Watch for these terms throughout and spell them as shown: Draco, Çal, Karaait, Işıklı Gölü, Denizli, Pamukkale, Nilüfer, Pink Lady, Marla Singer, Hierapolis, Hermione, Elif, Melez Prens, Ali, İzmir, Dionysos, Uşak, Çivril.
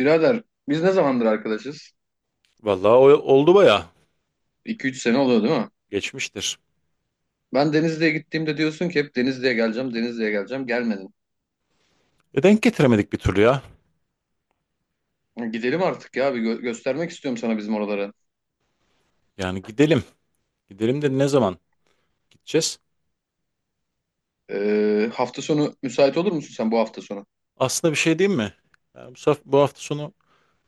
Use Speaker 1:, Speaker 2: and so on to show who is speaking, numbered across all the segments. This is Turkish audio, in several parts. Speaker 1: Birader, biz ne zamandır arkadaşız?
Speaker 2: Vallahi oldu baya.
Speaker 1: 2 3 sene oluyor değil mi?
Speaker 2: Geçmiştir.
Speaker 1: Ben Denizli'ye gittiğimde diyorsun ki hep Denizli'ye geleceğim, Denizli'ye geleceğim. Gelmedin.
Speaker 2: E denk getiremedik bir türlü ya.
Speaker 1: Gidelim artık ya, bir göstermek istiyorum sana bizim oraları.
Speaker 2: Yani gidelim. Gidelim de ne zaman gideceğiz?
Speaker 1: Hafta sonu müsait olur musun sen bu hafta sonu?
Speaker 2: Aslında bir şey diyeyim mi? Yani bu hafta sonu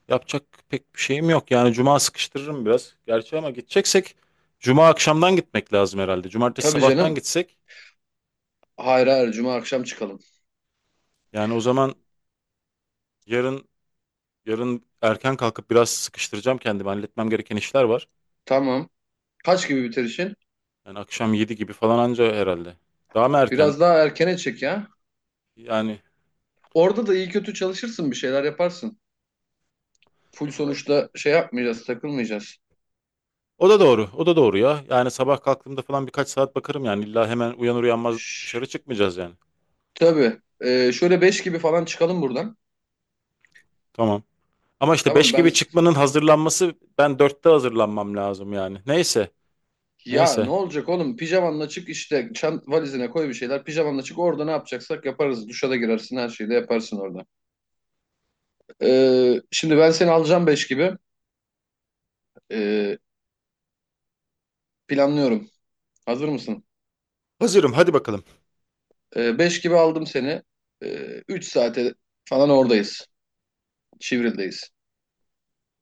Speaker 2: yapacak pek bir şeyim yok. Yani cuma sıkıştırırım biraz. Gerçi ama gideceksek cuma akşamdan gitmek lazım herhalde. Cumartesi
Speaker 1: Tabii
Speaker 2: sabahtan
Speaker 1: canım.
Speaker 2: gitsek
Speaker 1: Hayır, hayır, cuma akşam çıkalım.
Speaker 2: yani o zaman yarın yarın erken kalkıp biraz sıkıştıracağım kendimi. Halletmem gereken işler var.
Speaker 1: Tamam. Kaç gibi biter işin?
Speaker 2: Yani akşam 7 gibi falan anca herhalde. Daha mı erken?
Speaker 1: Biraz daha erkene çek ya.
Speaker 2: Yani
Speaker 1: Orada da iyi kötü çalışırsın, bir şeyler yaparsın. Full sonuçta şey yapmayacağız, takılmayacağız.
Speaker 2: o da doğru. O da doğru ya. Yani sabah kalktığımda falan birkaç saat bakarım yani. İlla hemen uyanır uyanmaz
Speaker 1: Şşş,
Speaker 2: dışarı çıkmayacağız yani.
Speaker 1: tabii. Şöyle 5 gibi falan çıkalım buradan.
Speaker 2: Tamam. Ama işte
Speaker 1: Tamam
Speaker 2: 5
Speaker 1: ben
Speaker 2: gibi çıkmanın hazırlanması ben 4'te hazırlanmam lazım yani. Neyse.
Speaker 1: Ya ne
Speaker 2: Neyse.
Speaker 1: olacak oğlum? Pijamanla çık işte, çant valizine koy bir şeyler. Pijamanla çık, orada ne yapacaksak yaparız. Duşa da girersin, her şeyi de yaparsın orada. Şimdi ben seni alacağım 5 gibi. Ee, Planlıyorum. Hazır mısın?
Speaker 2: Hazırım hadi bakalım.
Speaker 1: 5 gibi aldım seni. 3 saate falan oradayız. Çivril'deyiz.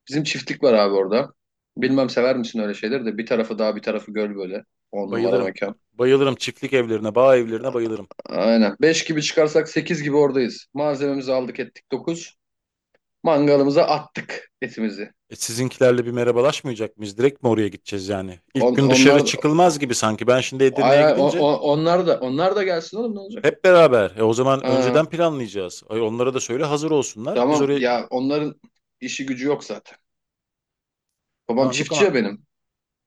Speaker 1: Bizim çiftlik var abi orada. Bilmem sever misin öyle şeyleri de, bir tarafı dağ bir tarafı göl böyle. On numara
Speaker 2: Bayılırım.
Speaker 1: mekan.
Speaker 2: Bayılırım çiftlik evlerine, bağ evlerine bayılırım.
Speaker 1: Aynen. 5 gibi çıkarsak 8 gibi oradayız. Malzememizi aldık ettik, 9. Mangalımıza attık etimizi.
Speaker 2: E, sizinkilerle bir merhabalaşmayacak mıyız? Direkt mi oraya gideceğiz yani? İlk gün dışarı
Speaker 1: Onlar da,
Speaker 2: çıkılmaz gibi sanki. Ben şimdi Edirne'ye gidince
Speaker 1: onlar da gelsin oğlum, ne olacak?
Speaker 2: hep beraber. E, o zaman önceden
Speaker 1: Ha,
Speaker 2: planlayacağız. Ay, onlara da söyle hazır olsunlar. Biz
Speaker 1: tamam
Speaker 2: oraya.
Speaker 1: ya, onların işi gücü yok zaten. Babam
Speaker 2: Tamam yok
Speaker 1: çiftçi
Speaker 2: ama.
Speaker 1: ya benim.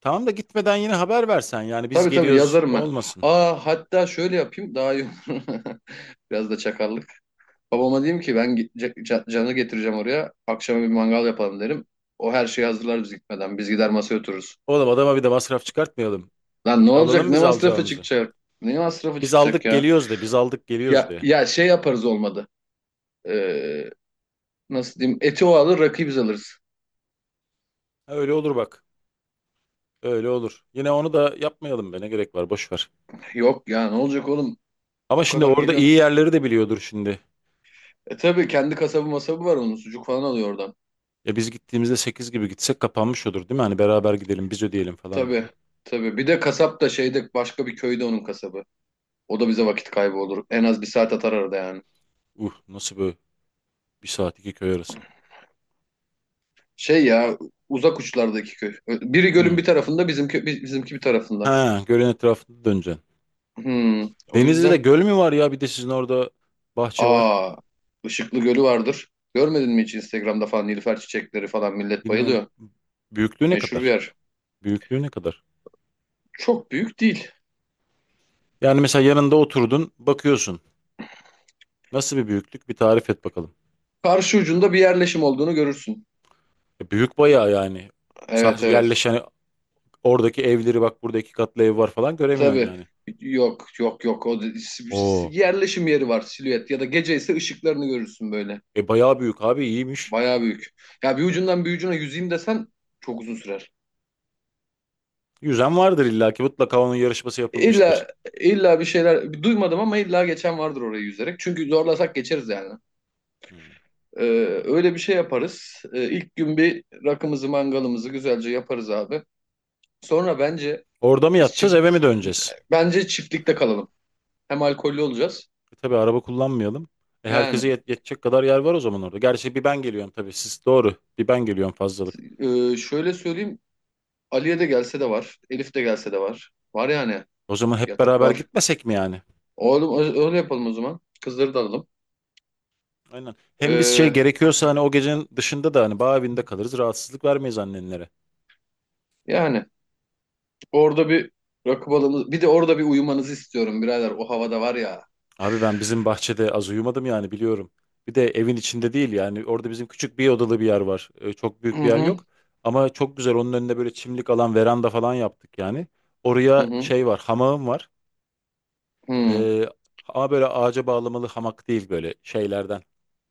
Speaker 2: Tamam da gitmeden yine haber versen yani biz
Speaker 1: Tabii, tabii,
Speaker 2: geliyoruz
Speaker 1: yazarım ben.
Speaker 2: olmasın.
Speaker 1: Aa, hatta şöyle yapayım, daha iyi olur. Biraz da çakallık. Babama diyeyim ki ben canı getireceğim oraya. Akşama bir mangal yapalım derim. O her şeyi hazırlar biz gitmeden. Biz gider masaya otururuz.
Speaker 2: Oğlum adama bir de masraf çıkartmayalım.
Speaker 1: Lan ne olacak?
Speaker 2: Alalım
Speaker 1: Ne
Speaker 2: biz
Speaker 1: masrafı
Speaker 2: alacağımızı.
Speaker 1: çıkacak? Ne masrafı
Speaker 2: Biz
Speaker 1: çıkacak
Speaker 2: aldık
Speaker 1: ya?
Speaker 2: geliyoruz de, biz aldık geliyoruz
Speaker 1: Ya
Speaker 2: de.
Speaker 1: ya şey yaparız olmadı. Ee, Nasıl diyeyim? Eti o alır, rakıyı biz alırız.
Speaker 2: Ha, öyle olur bak. Öyle olur. Yine onu da yapmayalım be, ne gerek var, boş ver.
Speaker 1: Yok ya, ne olacak oğlum?
Speaker 2: Ama
Speaker 1: O
Speaker 2: şimdi
Speaker 1: kadar
Speaker 2: orada iyi
Speaker 1: geliyorsun.
Speaker 2: yerleri de biliyordur şimdi.
Speaker 1: E tabii kendi kasabı masabı var onun. Sucuk falan alıyor oradan.
Speaker 2: E biz gittiğimizde 8 gibi gitsek kapanmış olur değil mi? Hani beraber gidelim biz ödeyelim falan
Speaker 1: Tabii.
Speaker 2: dedim.
Speaker 1: Tabii. Bir de kasap da şeyde, başka bir köyde onun kasabı. O da bize vakit kaybı olur. En az bir saat atar arada yani.
Speaker 2: Nasıl böyle bir saat iki köy arası.
Speaker 1: Şey ya, uzak uçlardaki köy. Biri gölün
Speaker 2: Hmm.
Speaker 1: bir tarafında, bizimki bir tarafında.
Speaker 2: Ha, gölün etrafında döneceksin.
Speaker 1: Hmm, o
Speaker 2: Denizli'de
Speaker 1: yüzden.
Speaker 2: göl mü var ya, bir de sizin orada bahçe var.
Speaker 1: aa Işıklı Gölü vardır. Görmedin mi hiç Instagram'da falan? Nilüfer çiçekleri falan, millet
Speaker 2: Bilmiyorum,
Speaker 1: bayılıyor.
Speaker 2: büyüklüğü ne
Speaker 1: Meşhur bir
Speaker 2: kadar?
Speaker 1: yer.
Speaker 2: Büyüklüğü ne kadar?
Speaker 1: Çok büyük değil.
Speaker 2: Yani mesela yanında oturdun, bakıyorsun. Nasıl bir büyüklük? Bir tarif et bakalım.
Speaker 1: Karşı ucunda bir yerleşim olduğunu görürsün.
Speaker 2: E, büyük bayağı yani.
Speaker 1: Evet,
Speaker 2: Sadece
Speaker 1: evet.
Speaker 2: yerleşen oradaki evleri, bak burada iki katlı ev var falan göremiyorsun
Speaker 1: Tabii.
Speaker 2: yani.
Speaker 1: Yok, yok, yok. O da- s- s-
Speaker 2: Oo.
Speaker 1: Yerleşim yeri var, silüet ya da gece ise ışıklarını görürsün böyle.
Speaker 2: E bayağı büyük abi, iyiymiş.
Speaker 1: Bayağı büyük. Ya bir ucundan bir ucuna yüzeyim desen çok uzun sürer.
Speaker 2: Yüzen vardır illa ki, mutlaka onun yarışması
Speaker 1: İlla
Speaker 2: yapılmıştır.
Speaker 1: illa bir şeyler duymadım ama illa geçen vardır orayı yüzerek. Çünkü zorlasak geçeriz yani.
Speaker 2: Hmm.
Speaker 1: Ee, Öyle bir şey yaparız. İlk gün bir rakımızı mangalımızı güzelce yaparız abi. Sonra
Speaker 2: Orada mı
Speaker 1: biz
Speaker 2: yatacağız,
Speaker 1: çift
Speaker 2: eve mi döneceğiz?
Speaker 1: bence çiftlikte kalalım. Hem alkollü olacağız.
Speaker 2: E tabii, araba kullanmayalım. E herkese
Speaker 1: Yani,
Speaker 2: yetecek kadar yer var o zaman orada. Gerçi bir ben geliyorum tabii, siz doğru. Bir ben geliyorum fazlalık.
Speaker 1: şöyle söyleyeyim, Ali'ye de gelse de var. Elif de gelse de var. Var yani.
Speaker 2: O zaman hep
Speaker 1: Yatak
Speaker 2: beraber
Speaker 1: var.
Speaker 2: gitmesek mi yani?
Speaker 1: Oğlum, öyle yapalım o zaman. Kızları da alalım.
Speaker 2: Aynen. Hem biz, şey
Speaker 1: Ee,
Speaker 2: gerekiyorsa hani, o gecenin dışında da hani bağ evinde kalırız. Rahatsızlık vermeyiz annenlere.
Speaker 1: Yani orada bir rakı balımız. Bir de orada bir uyumanızı istiyorum birader. O havada var ya.
Speaker 2: Abi ben bizim bahçede az uyumadım yani, biliyorum. Bir de evin içinde değil yani, orada bizim küçük bir odalı bir yer var. Çok büyük
Speaker 1: Hı
Speaker 2: bir yer
Speaker 1: hı.
Speaker 2: yok. Ama çok güzel, onun önünde böyle çimlik alan, veranda falan yaptık yani.
Speaker 1: Hı
Speaker 2: Oraya
Speaker 1: hı.
Speaker 2: şey var, hamağım var.
Speaker 1: Hı
Speaker 2: Ee, ama böyle ağaca bağlamalı hamak değil, böyle şeylerden.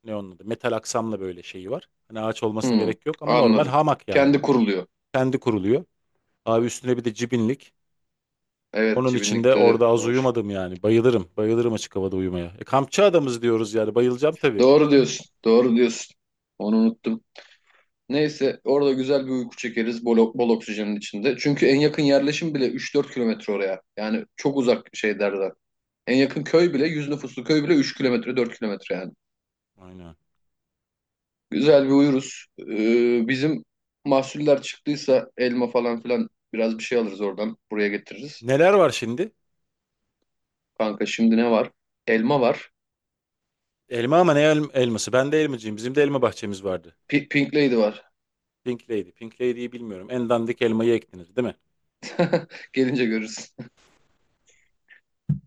Speaker 2: Ne onun adı? Metal aksamla böyle şeyi var. Hani ağaç olmasına
Speaker 1: hı.
Speaker 2: gerek yok ama, normal
Speaker 1: Anladım.
Speaker 2: hamak yani.
Speaker 1: Kendi kuruluyor.
Speaker 2: Kendi kuruluyor. Abi üstüne bir de cibinlik.
Speaker 1: Evet,
Speaker 2: Onun için de
Speaker 1: cibinlikte de
Speaker 2: orada az
Speaker 1: olur.
Speaker 2: uyumadım yani. Bayılırım. Bayılırım açık havada uyumaya. E, kampçı adamız diyoruz yani. Bayılacağım tabii.
Speaker 1: Doğru diyorsun. Doğru diyorsun. Onu unuttum. Neyse, orada güzel bir uyku çekeriz, bol bol oksijenin içinde. Çünkü en yakın yerleşim bile 3 4 kilometre oraya. Yani çok uzak şeylerden. En yakın köy bile, 100 nüfuslu köy bile 3 kilometre, 4 kilometre yani.
Speaker 2: Aynen.
Speaker 1: Güzel bir uyuruz. Bizim mahsuller çıktıysa elma falan filan, biraz bir şey alırız oradan. Buraya getiririz.
Speaker 2: Neler var şimdi?
Speaker 1: Kanka şimdi ne var? Elma var.
Speaker 2: Elma ama ne elması? Ben de elmacıyım. Bizim de elma bahçemiz vardı.
Speaker 1: Pink Lady var.
Speaker 2: Pink Lady. Pink Lady'yi bilmiyorum. En dandik elmayı eklenir değil mi?
Speaker 1: Gelince görürüz.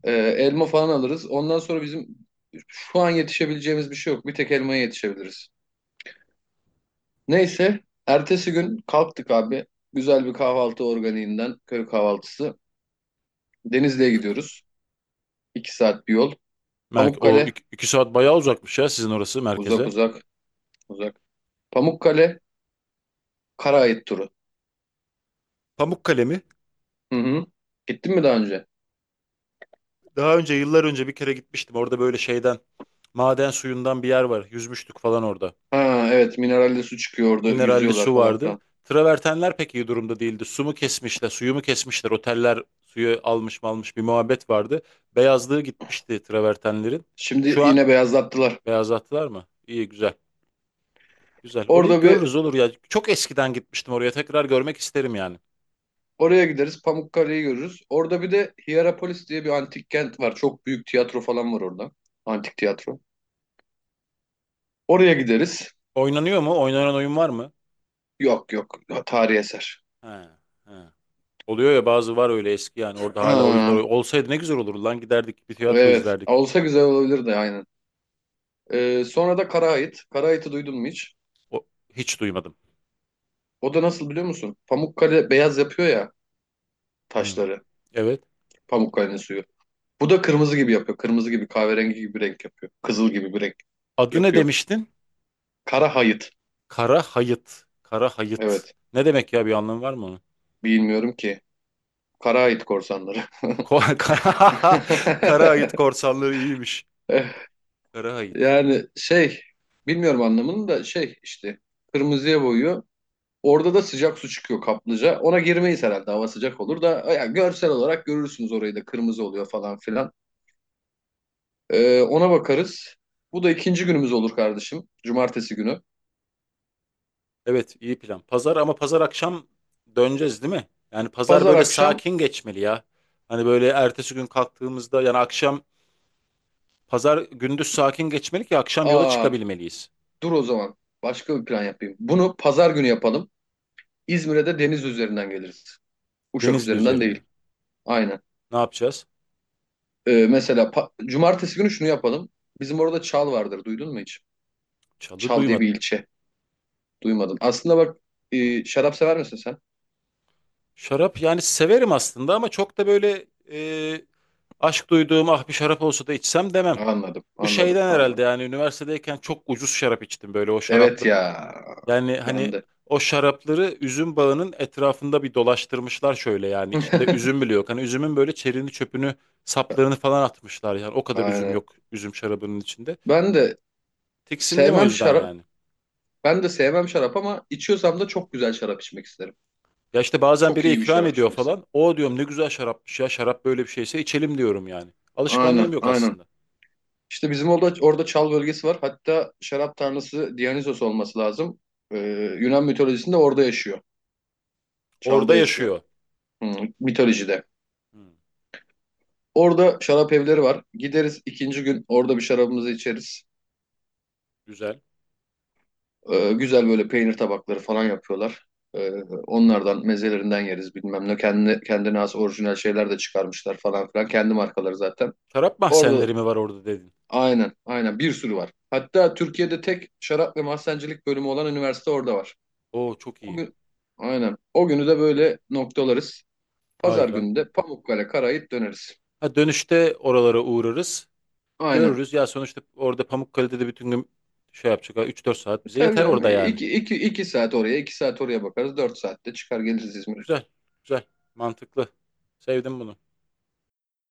Speaker 1: Elma falan alırız. Ondan sonra bizim şu an yetişebileceğimiz bir şey yok. Bir tek elmaya yetişebiliriz. Neyse. Ertesi gün kalktık abi. Güzel bir kahvaltı, organiğinden köy kahvaltısı. Denizli'ye gidiyoruz. 2 saat bir yol.
Speaker 2: Mer o
Speaker 1: Pamukkale.
Speaker 2: iki, 2 saat bayağı uzakmış ya sizin orası
Speaker 1: Uzak
Speaker 2: merkeze.
Speaker 1: uzak uzak. Pamukkale, Karaait turu.
Speaker 2: Pamukkale mi?
Speaker 1: Hı hı. Gittin mi daha önce?
Speaker 2: Daha önce, yıllar önce bir kere gitmiştim. Orada böyle şeyden, maden suyundan bir yer var. Yüzmüştük falan orada.
Speaker 1: Ha, evet, mineralli su çıkıyor orada,
Speaker 2: Mineralli
Speaker 1: yüzüyorlar
Speaker 2: su
Speaker 1: falan
Speaker 2: vardı.
Speaker 1: filan.
Speaker 2: Travertenler pek iyi durumda değildi. Su mu kesmişler, suyu mu kesmişler? Oteller suyu almış mı almış, bir muhabbet vardı. Beyazlığı gitmişti travertenlerin.
Speaker 1: Şimdi
Speaker 2: Şu an
Speaker 1: yine beyazlattılar.
Speaker 2: beyazlattılar mı? İyi, güzel. Güzel. Orayı
Speaker 1: Orada bir
Speaker 2: görürüz olur ya. Çok eskiden gitmiştim oraya. Tekrar görmek isterim yani.
Speaker 1: Oraya gideriz, Pamukkale'yi görürüz. Orada bir de Hierapolis diye bir antik kent var. Çok büyük tiyatro falan var orada. Antik tiyatro. Oraya gideriz.
Speaker 2: Oynanıyor mu? Oynanan oyun var mı?
Speaker 1: Yok, yok, tarihi eser.
Speaker 2: He, he. Oluyor ya, bazı var öyle eski yani. Orada hala oyunlar
Speaker 1: Ha,
Speaker 2: olsaydı ne güzel olurdu lan. Giderdik, bir tiyatro
Speaker 1: evet,
Speaker 2: izlerdik.
Speaker 1: olsa güzel olabilirdi, aynen. Sonra da Karaait. Karait'i duydun mu hiç?
Speaker 2: O, hiç duymadım.
Speaker 1: O da nasıl biliyor musun? Pamukkale beyaz yapıyor ya,
Speaker 2: Hı. Hı.
Speaker 1: taşları.
Speaker 2: Evet.
Speaker 1: Pamukkale'nin suyu. Bu da kırmızı gibi yapıyor. Kırmızı gibi, kahverengi gibi bir renk yapıyor. Kızıl gibi bir renk
Speaker 2: Adı ne
Speaker 1: yapıyor.
Speaker 2: demiştin?
Speaker 1: Kara hayıt.
Speaker 2: Kara hayıt. Kara hayıt.
Speaker 1: Evet.
Speaker 2: Ne demek ya, bir anlamı var mı onun?
Speaker 1: Bilmiyorum ki. Kara hayıt korsanları.
Speaker 2: Kara, kara hayıt korsanlığı iyiymiş. Kara hayıt.
Speaker 1: Yani şey, bilmiyorum anlamını da, şey işte, kırmızıya boyuyor. Orada da sıcak su çıkıyor, kaplıca. Ona girmeyiz herhalde, hava sıcak olur da, ya görsel olarak görürsünüz orayı da, kırmızı oluyor falan filan. Ona bakarız. Bu da ikinci günümüz olur kardeşim. Cumartesi günü.
Speaker 2: Evet, iyi plan. Pazar, ama pazar akşam döneceğiz değil mi? Yani pazar
Speaker 1: Pazar
Speaker 2: böyle
Speaker 1: akşam
Speaker 2: sakin geçmeli ya. Hani böyle ertesi gün kalktığımızda yani, akşam, pazar gündüz sakin geçmeli ki akşam yola
Speaker 1: aa
Speaker 2: çıkabilmeliyiz.
Speaker 1: Dur o zaman. Başka bir plan yapayım. Bunu pazar günü yapalım. İzmir'e de deniz üzerinden geliriz. Uşak
Speaker 2: Denizli
Speaker 1: üzerinden
Speaker 2: üzerinde.
Speaker 1: değil. Aynen.
Speaker 2: Ne yapacağız?
Speaker 1: Mesela cumartesi günü şunu yapalım. Bizim orada Çal vardır. Duydun mu hiç?
Speaker 2: Çalı
Speaker 1: Çal diye bir
Speaker 2: duymadım.
Speaker 1: ilçe. Duymadın. Aslında bak, şarap sever misin sen?
Speaker 2: Şarap yani severim aslında ama çok da böyle aşk duyduğum, ah bir şarap olsa da içsem demem.
Speaker 1: Anladım.
Speaker 2: Bu
Speaker 1: Anladım.
Speaker 2: şeyden herhalde
Speaker 1: Anladım.
Speaker 2: yani, üniversitedeyken çok ucuz şarap içtim, böyle o
Speaker 1: Evet
Speaker 2: şarapları.
Speaker 1: ya.
Speaker 2: Yani hani
Speaker 1: Ben de.
Speaker 2: o şarapları üzüm bağının etrafında bir dolaştırmışlar şöyle yani, içinde üzüm bile yok. Hani üzümün böyle çerini çöpünü saplarını falan atmışlar yani, o kadar üzüm
Speaker 1: Aynen.
Speaker 2: yok üzüm şarabının içinde.
Speaker 1: Ben de
Speaker 2: Tiksindim o
Speaker 1: sevmem
Speaker 2: yüzden
Speaker 1: şarap.
Speaker 2: yani.
Speaker 1: Ben de sevmem şarap ama içiyorsam da çok güzel şarap içmek isterim.
Speaker 2: Ya işte bazen
Speaker 1: Çok
Speaker 2: biri
Speaker 1: iyi bir
Speaker 2: ikram
Speaker 1: şarap
Speaker 2: ediyor
Speaker 1: içmek isterim.
Speaker 2: falan. O diyorum ne güzel şarapmış ya, şarap böyle bir şeyse içelim diyorum yani.
Speaker 1: Aynen.
Speaker 2: Alışkanlığım yok
Speaker 1: Aynen.
Speaker 2: aslında.
Speaker 1: İşte bizim orada çal bölgesi var. Hatta şarap tanrısı Dionysos olması lazım. Ee, Yunan mitolojisinde orada yaşıyor. Çal'da
Speaker 2: Orada
Speaker 1: yaşıyor.
Speaker 2: yaşıyor.
Speaker 1: Hmm, mitolojide.
Speaker 2: Hmm.
Speaker 1: Orada şarap evleri var. Gideriz ikinci gün, orada bir şarabımızı içeriz.
Speaker 2: Güzel.
Speaker 1: Güzel böyle peynir tabakları falan yapıyorlar. Ee, Onlardan, mezelerinden yeriz bilmem ne. Kendine, kendine has orijinal şeyler de çıkarmışlar falan filan. Kendi markaları zaten.
Speaker 2: Şarap
Speaker 1: Orada
Speaker 2: mahzenleri mi var orada dedin?
Speaker 1: aynen, aynen bir sürü var. Hatta Türkiye'de tek şarap ve mahzencilik bölümü olan üniversite orada var.
Speaker 2: Oo, çok
Speaker 1: O
Speaker 2: iyi.
Speaker 1: gün, aynen. O günü de böyle noktalarız. Pazar
Speaker 2: Harika.
Speaker 1: günü de Pamukkale, Karayip döneriz.
Speaker 2: Ha, dönüşte oralara uğrarız.
Speaker 1: Aynen.
Speaker 2: Görürüz. Ya sonuçta orada Pamukkale'de de bütün gün şey yapacak. 3-4 saat bize
Speaker 1: Tabii
Speaker 2: yeter
Speaker 1: canım.
Speaker 2: orada yani.
Speaker 1: İki saat oraya, 2 saat oraya bakarız. 4 saatte çıkar geliriz İzmir'e.
Speaker 2: Güzel. Güzel. Mantıklı. Sevdim bunu.